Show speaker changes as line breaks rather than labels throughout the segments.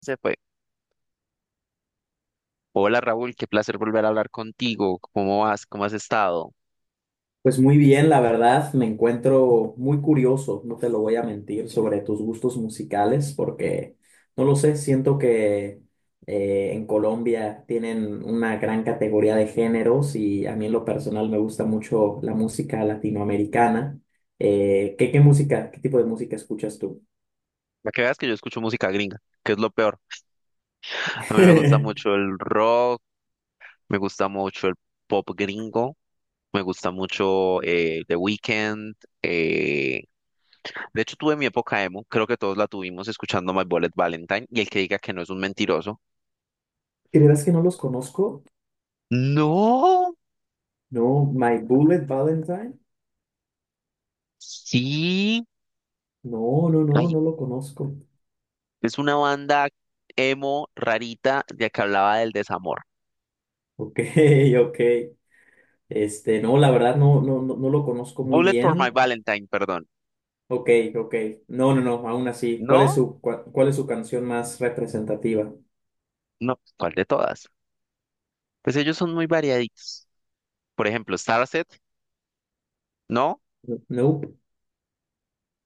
Se fue. Hola Raúl, qué placer volver a hablar contigo. ¿Cómo vas? ¿Cómo has estado?
Pues muy bien, la verdad, me encuentro muy curioso, no te lo voy a mentir, sobre tus gustos musicales, porque no lo sé, siento que en Colombia tienen una gran categoría de géneros y a mí en lo personal me gusta mucho la música latinoamericana. ¿Qué música, ¿qué tipo de música escuchas tú?
Para que veas que yo escucho música gringa, que es lo peor. A mí me gusta
¿De
mucho el rock, me gusta mucho el pop gringo, me gusta mucho The Weeknd. Eh, De hecho, tuve mi época emo, creo que todos la tuvimos escuchando My Bullet Valentine, y el que diga que no es un mentiroso.
veras que no los conozco?
No,
No, My Bullet Valentine.
sí.
No, no, no,
Ay,
no lo conozco.
es una banda emo rarita de que hablaba del desamor.
Ok, ok. Este, no, la verdad, no, no, no, no lo conozco muy
Bullet for My
bien.
Valentine, perdón.
Ok, ok. No, no, no, aún así. ¿Cuál es
No,
su canción más representativa?
no, ¿cuál de todas? Pues ellos son muy variaditos. Por ejemplo, Starset, ¿no?
Nope.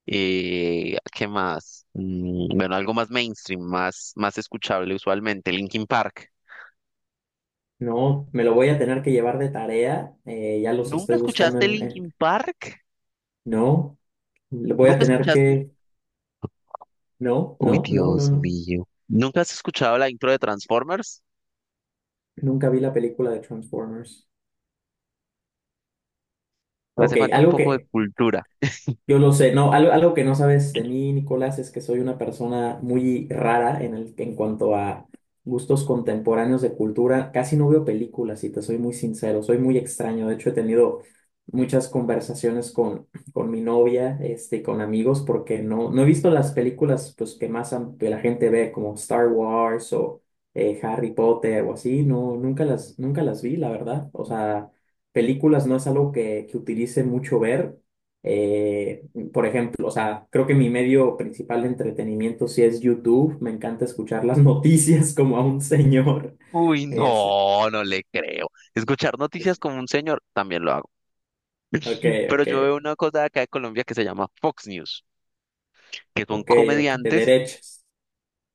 ¿Qué más? Bueno, algo más mainstream, más, más escuchable usualmente, Linkin Park.
No, me lo voy a tener que llevar de tarea. Ya los
¿Nunca
estoy buscando
escuchaste
en.
Linkin Park?
No, lo voy a
¿Nunca
tener
escuchaste?
que... No,
Uy,
no, no, no,
Dios
no.
mío. ¿Nunca has escuchado la intro de Transformers?
Nunca vi la película de Transformers.
Te hace
Ok,
falta un
algo
poco de
que,
cultura.
yo lo sé, no, algo que no sabes de mí, Nicolás, es que soy una persona muy rara en el, en cuanto a gustos contemporáneos de cultura. Casi no veo películas, y te soy muy sincero, soy muy extraño. De hecho, he tenido muchas conversaciones con, mi novia, este, y con amigos, porque no he visto las películas, pues, que más que la gente ve, como Star Wars o Harry Potter o así. No, nunca las vi, la verdad. O sea, películas no es algo que utilice mucho ver. Eh, por ejemplo, o sea, creo que mi medio principal de entretenimiento sí es YouTube. Me encanta escuchar las noticias como a un señor.
Uy,
Eh, así-
no, no le creo. Escuchar noticias como un señor, también lo hago.
ok,
Pero
ok,
yo veo una cosa de acá de Colombia que se llama Fox News, que son
ok, ok, de
comediantes.
derechos.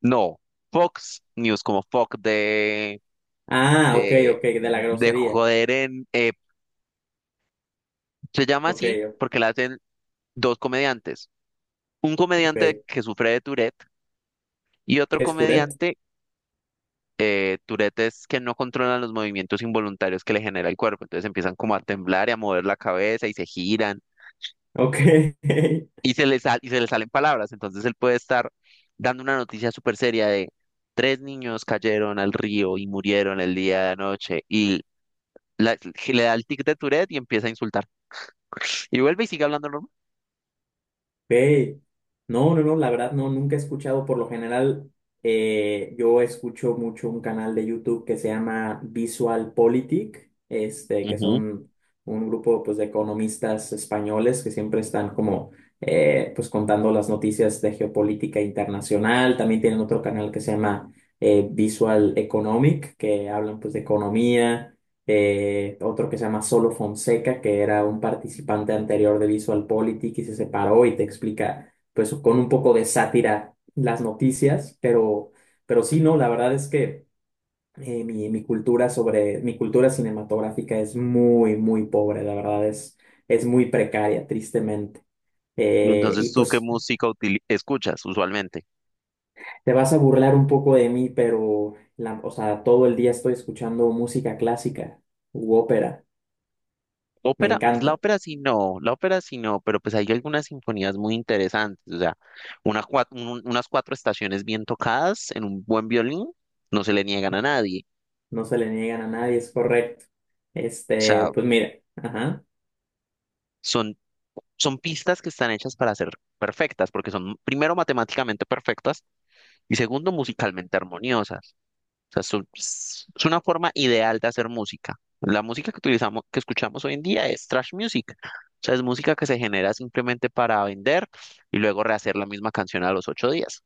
No, Fox News, como Fox de,
Ah, ok, ok,
de,
de la
de
grosería.
joder en, se llama
Ok,
así porque la hacen dos comediantes, un
ok.
comediante
¿Qué
que sufre de Tourette y otro
es Tourette?
comediante. Eh, Tourette es que no controlan los movimientos involuntarios que le genera el cuerpo, entonces empiezan como a temblar y a mover la cabeza y se giran
Ok.
y se les, y se les salen palabras, entonces él puede estar dando una noticia súper seria de… Tres niños cayeron al río y murieron el día de anoche y la- le da el tic de Tourette y empieza a insultar. Y vuelve y sigue hablando normal.
Ve. No, no, no, la verdad, no, nunca he escuchado. Por lo general, yo escucho mucho un canal de YouTube que se llama Visual Politic, este, que
Ujú.
son un grupo, pues, de economistas españoles que siempre están como pues, contando las noticias de geopolítica internacional. También tienen otro canal que se llama Visual Economic, que hablan, pues, de economía, otro que se llama Solo Fonseca, que era un participante anterior de VisualPolitik y se separó y te explica, pues, con un poco de sátira las noticias, pero sí, no, la verdad es que mi cultura cinematográfica es muy, muy pobre, la verdad es muy precaria, tristemente.
Y
Y
entonces, ¿tú qué
pues
música escuchas usualmente?
te vas a burlar un poco de mí, pero o sea, todo el día estoy escuchando música clásica u ópera. Me
Ópera, pues la
encanta.
ópera sí no, la ópera sí no, pero pues hay algunas sinfonías muy interesantes. O sea, unas cuatro estaciones bien tocadas en un buen violín no se le niegan a nadie.
No se le niegan a nadie, es correcto.
O
Este,
sea,
pues mira, ajá.
son, son pistas que están hechas para ser perfectas, porque son primero matemáticamente perfectas y segundo musicalmente armoniosas. Sea, es, es una forma ideal de hacer música. La música que utilizamos, que escuchamos hoy en día es trash music. O sea, es música que se genera simplemente para vender y luego rehacer la misma canción a los ocho días.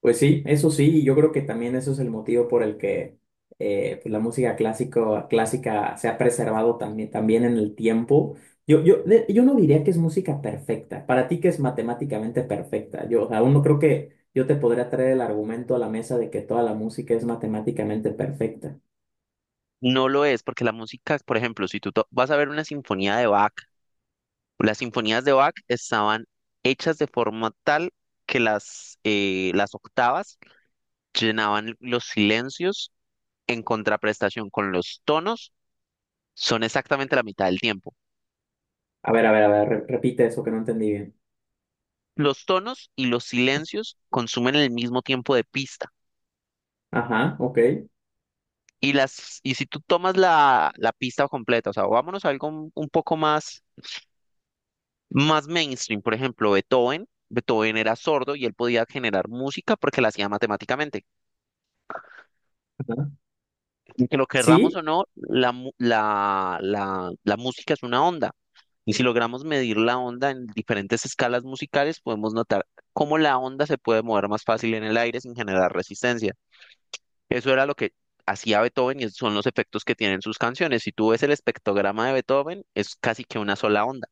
Pues sí, eso sí, y yo creo que también eso es el motivo por el que pues la música clásica se ha preservado también, también en el tiempo. Yo no diría que es música perfecta, para ti que es matemáticamente perfecta. Yo, o sea, aún no creo que yo te podría traer el argumento a la mesa de que toda la música es matemáticamente perfecta.
No lo es, porque la música, por ejemplo, si vas a ver una sinfonía de Bach, las sinfonías de Bach estaban hechas de forma tal que las octavas llenaban los silencios en contraprestación con los tonos, son exactamente la mitad del tiempo.
A ver, a ver, a ver, repite eso que no entendí bien.
Los tonos y los silencios consumen el mismo tiempo de pista.
Ajá, ok.
Y, y si tú tomas la pista completa, o sea, vámonos a algo un poco más, más mainstream, por ejemplo, Beethoven. Beethoven era sordo y él podía generar música porque la hacía matemáticamente.
Ajá.
Y que lo querramos o
Sí.
no, la, mu- la música es una onda. Y si logramos medir la onda en diferentes escalas musicales, podemos notar cómo la onda se puede mover más fácil en el aire sin generar resistencia. Eso era lo que hacía Beethoven y esos son los efectos que tienen sus canciones. Si tú ves el espectrograma de Beethoven, es casi que una sola onda.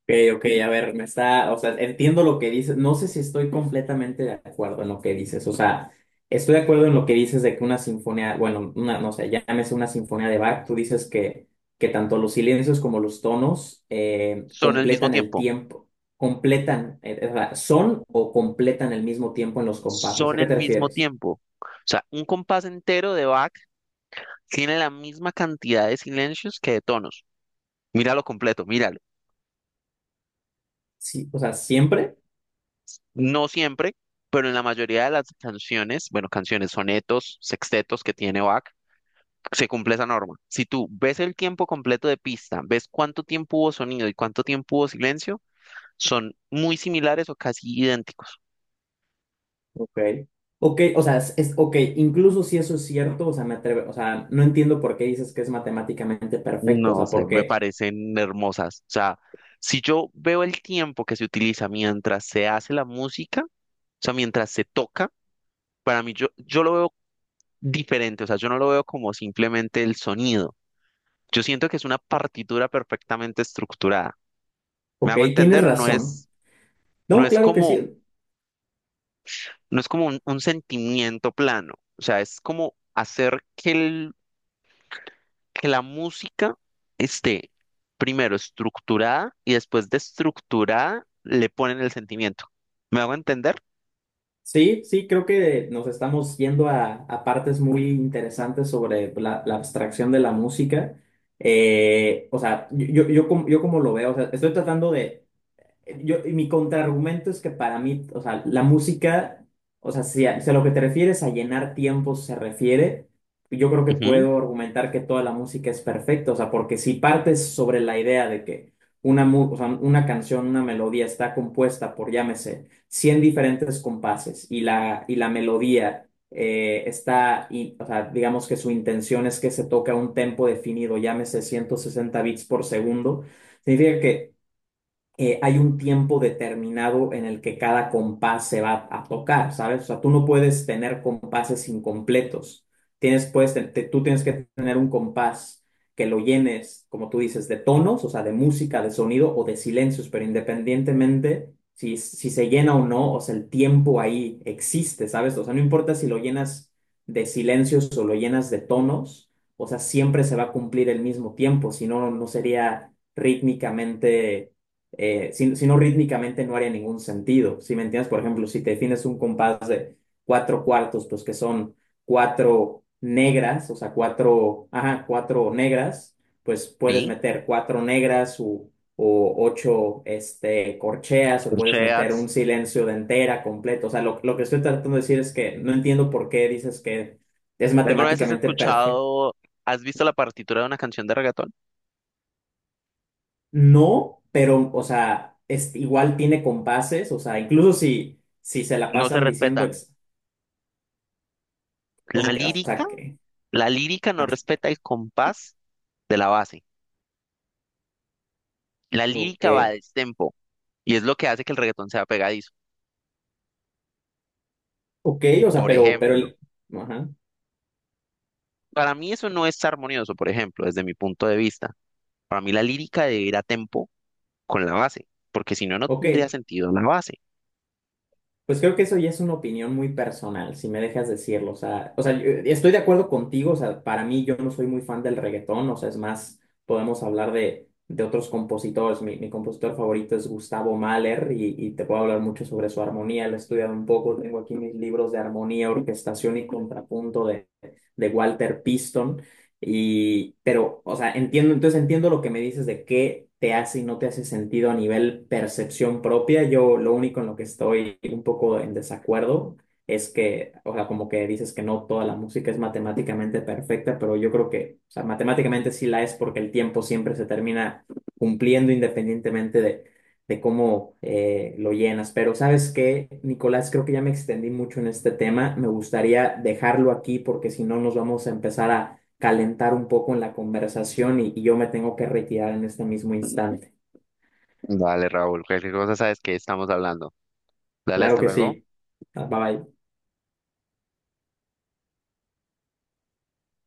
Ok, ok, a ver, o sea, entiendo lo que dices, no sé si estoy completamente de acuerdo en lo que dices. O sea, estoy de acuerdo en lo que dices de que una sinfonía, bueno, una, no sé, llámese una sinfonía de Bach, tú dices que, tanto los silencios como los tonos
Son el mismo
completan el
tiempo,
tiempo, completan, o sea, son o completan el mismo tiempo en los compases,
son
¿a qué
el
te
mismo
refieres?
tiempo. O sea, un compás entero de Bach tiene la misma cantidad de silencios que de tonos. Míralo completo, míralo.
Sí, o sea, ¿siempre?
No siempre, pero en la mayoría de las canciones, bueno, canciones, sonetos, sextetos que tiene Bach, se cumple esa norma. Si tú ves el tiempo completo de pista, ves cuánto tiempo hubo sonido y cuánto tiempo hubo silencio, son muy similares o casi idénticos.
Ok, ok, o sea, ok, incluso si eso es cierto, o sea, o sea, no entiendo por qué dices que es matemáticamente perfecto, o
No
sea,
sé, me
porque,
parecen hermosas. O sea, si yo veo el tiempo que se utiliza mientras se hace la música, o sea, mientras se toca, para mí yo, yo lo veo diferente. O sea, yo no lo veo como simplemente el sonido. Yo siento que es una partitura perfectamente estructurada. ¿Me
ok,
hago
tienes
entender? No
razón.
es, no
No,
es
claro que
como,
sí,
no es como un sentimiento plano. O sea, es como hacer que el que la música esté primero estructurada y después de estructurada le ponen el sentimiento. ¿Me hago entender?
sí, sí, creo que nos estamos yendo a partes muy interesantes sobre la, la abstracción de la música. O sea, yo como lo veo, o sea, estoy tratando de... Yo, y mi contraargumento es que para mí, o sea, la música, o sea, si a lo que te refieres a llenar tiempos se refiere, yo creo que
Ujú,
puedo argumentar que toda la música es perfecta, o sea, porque si partes sobre la idea de que una, o sea, una canción, una melodía está compuesta por, llámese, 100 diferentes compases y la melodía o sea, digamos que su intención es que se toque a un tempo definido, llámese 160 bits por segundo, significa que hay un tiempo determinado en el que cada compás se va a tocar, ¿sabes? O sea, tú no puedes tener compases incompletos. Tienes, pues, te- te- tú tienes que tener un compás que lo llenes, como tú dices, de tonos, o sea, de música, de sonido o de silencios, pero independientemente si se llena o no, o sea, el tiempo ahí existe, ¿sabes? O sea, no importa si lo llenas de silencios o lo llenas de tonos, o sea, siempre se va a cumplir el mismo tiempo, si no, no sería rítmicamente, si no rítmicamente no haría ningún sentido. Si me entiendes, por ejemplo, si te defines un compás de cuatro cuartos, pues que son cuatro negras, o sea, cuatro, ajá, cuatro negras, pues puedes
sí,
meter cuatro negras o ocho, este, corcheas, o puedes meter
corcheas.
un silencio de entera completo. O sea, lo que estoy tratando de decir es que no entiendo por qué dices que es
¿Alguna vez has
matemáticamente perfecto.
escuchado, has visto la partitura de una canción de reggaetón?
No, pero, o sea, es, igual tiene compases, o sea, incluso si se la
No se
pasan diciendo
respetan. La
como que, o
lírica,
sea, que,
la lírica no respeta el compás de la base. La
ok,
lírica va a destempo y es lo que hace que el reggaetón sea pegadizo.
ok, o sea,
Por
pero,
ejemplo,
el, ajá,
para mí eso no es armonioso, por ejemplo, desde mi punto de vista. Para mí la lírica debe ir a tempo con la base, porque si no, no
ok.
tendría sentido la base.
Pues creo que eso ya es una opinión muy personal, si me dejas decirlo. O sea, yo, estoy de acuerdo contigo. O sea, para mí, yo no soy muy fan del reggaetón. O sea, es más, podemos hablar de otros compositores. Mi compositor favorito es Gustavo Mahler y te puedo hablar mucho sobre su armonía. Lo he estudiado un poco. Tengo aquí mis libros de armonía, orquestación y contrapunto de, Walter Piston. Y, pero, o sea, entonces entiendo lo que me dices de qué te hace y no te hace sentido a nivel percepción propia. Yo lo único en lo que estoy un poco en desacuerdo es que, o sea, como que dices que no toda la música es matemáticamente perfecta, pero yo creo que, o sea, matemáticamente sí la es porque el tiempo siempre se termina cumpliendo independientemente de cómo lo llenas. Pero, ¿sabes qué, Nicolás? Creo que ya me extendí mucho en este tema. Me gustaría dejarlo aquí porque si no nos vamos a empezar a calentar un poco en la conversación y yo me tengo que retirar en este mismo instante.
Dale, Raúl, cualquier cosa sabes que estamos hablando. Dale,
Claro
hasta
que
luego.
sí. Bye bye.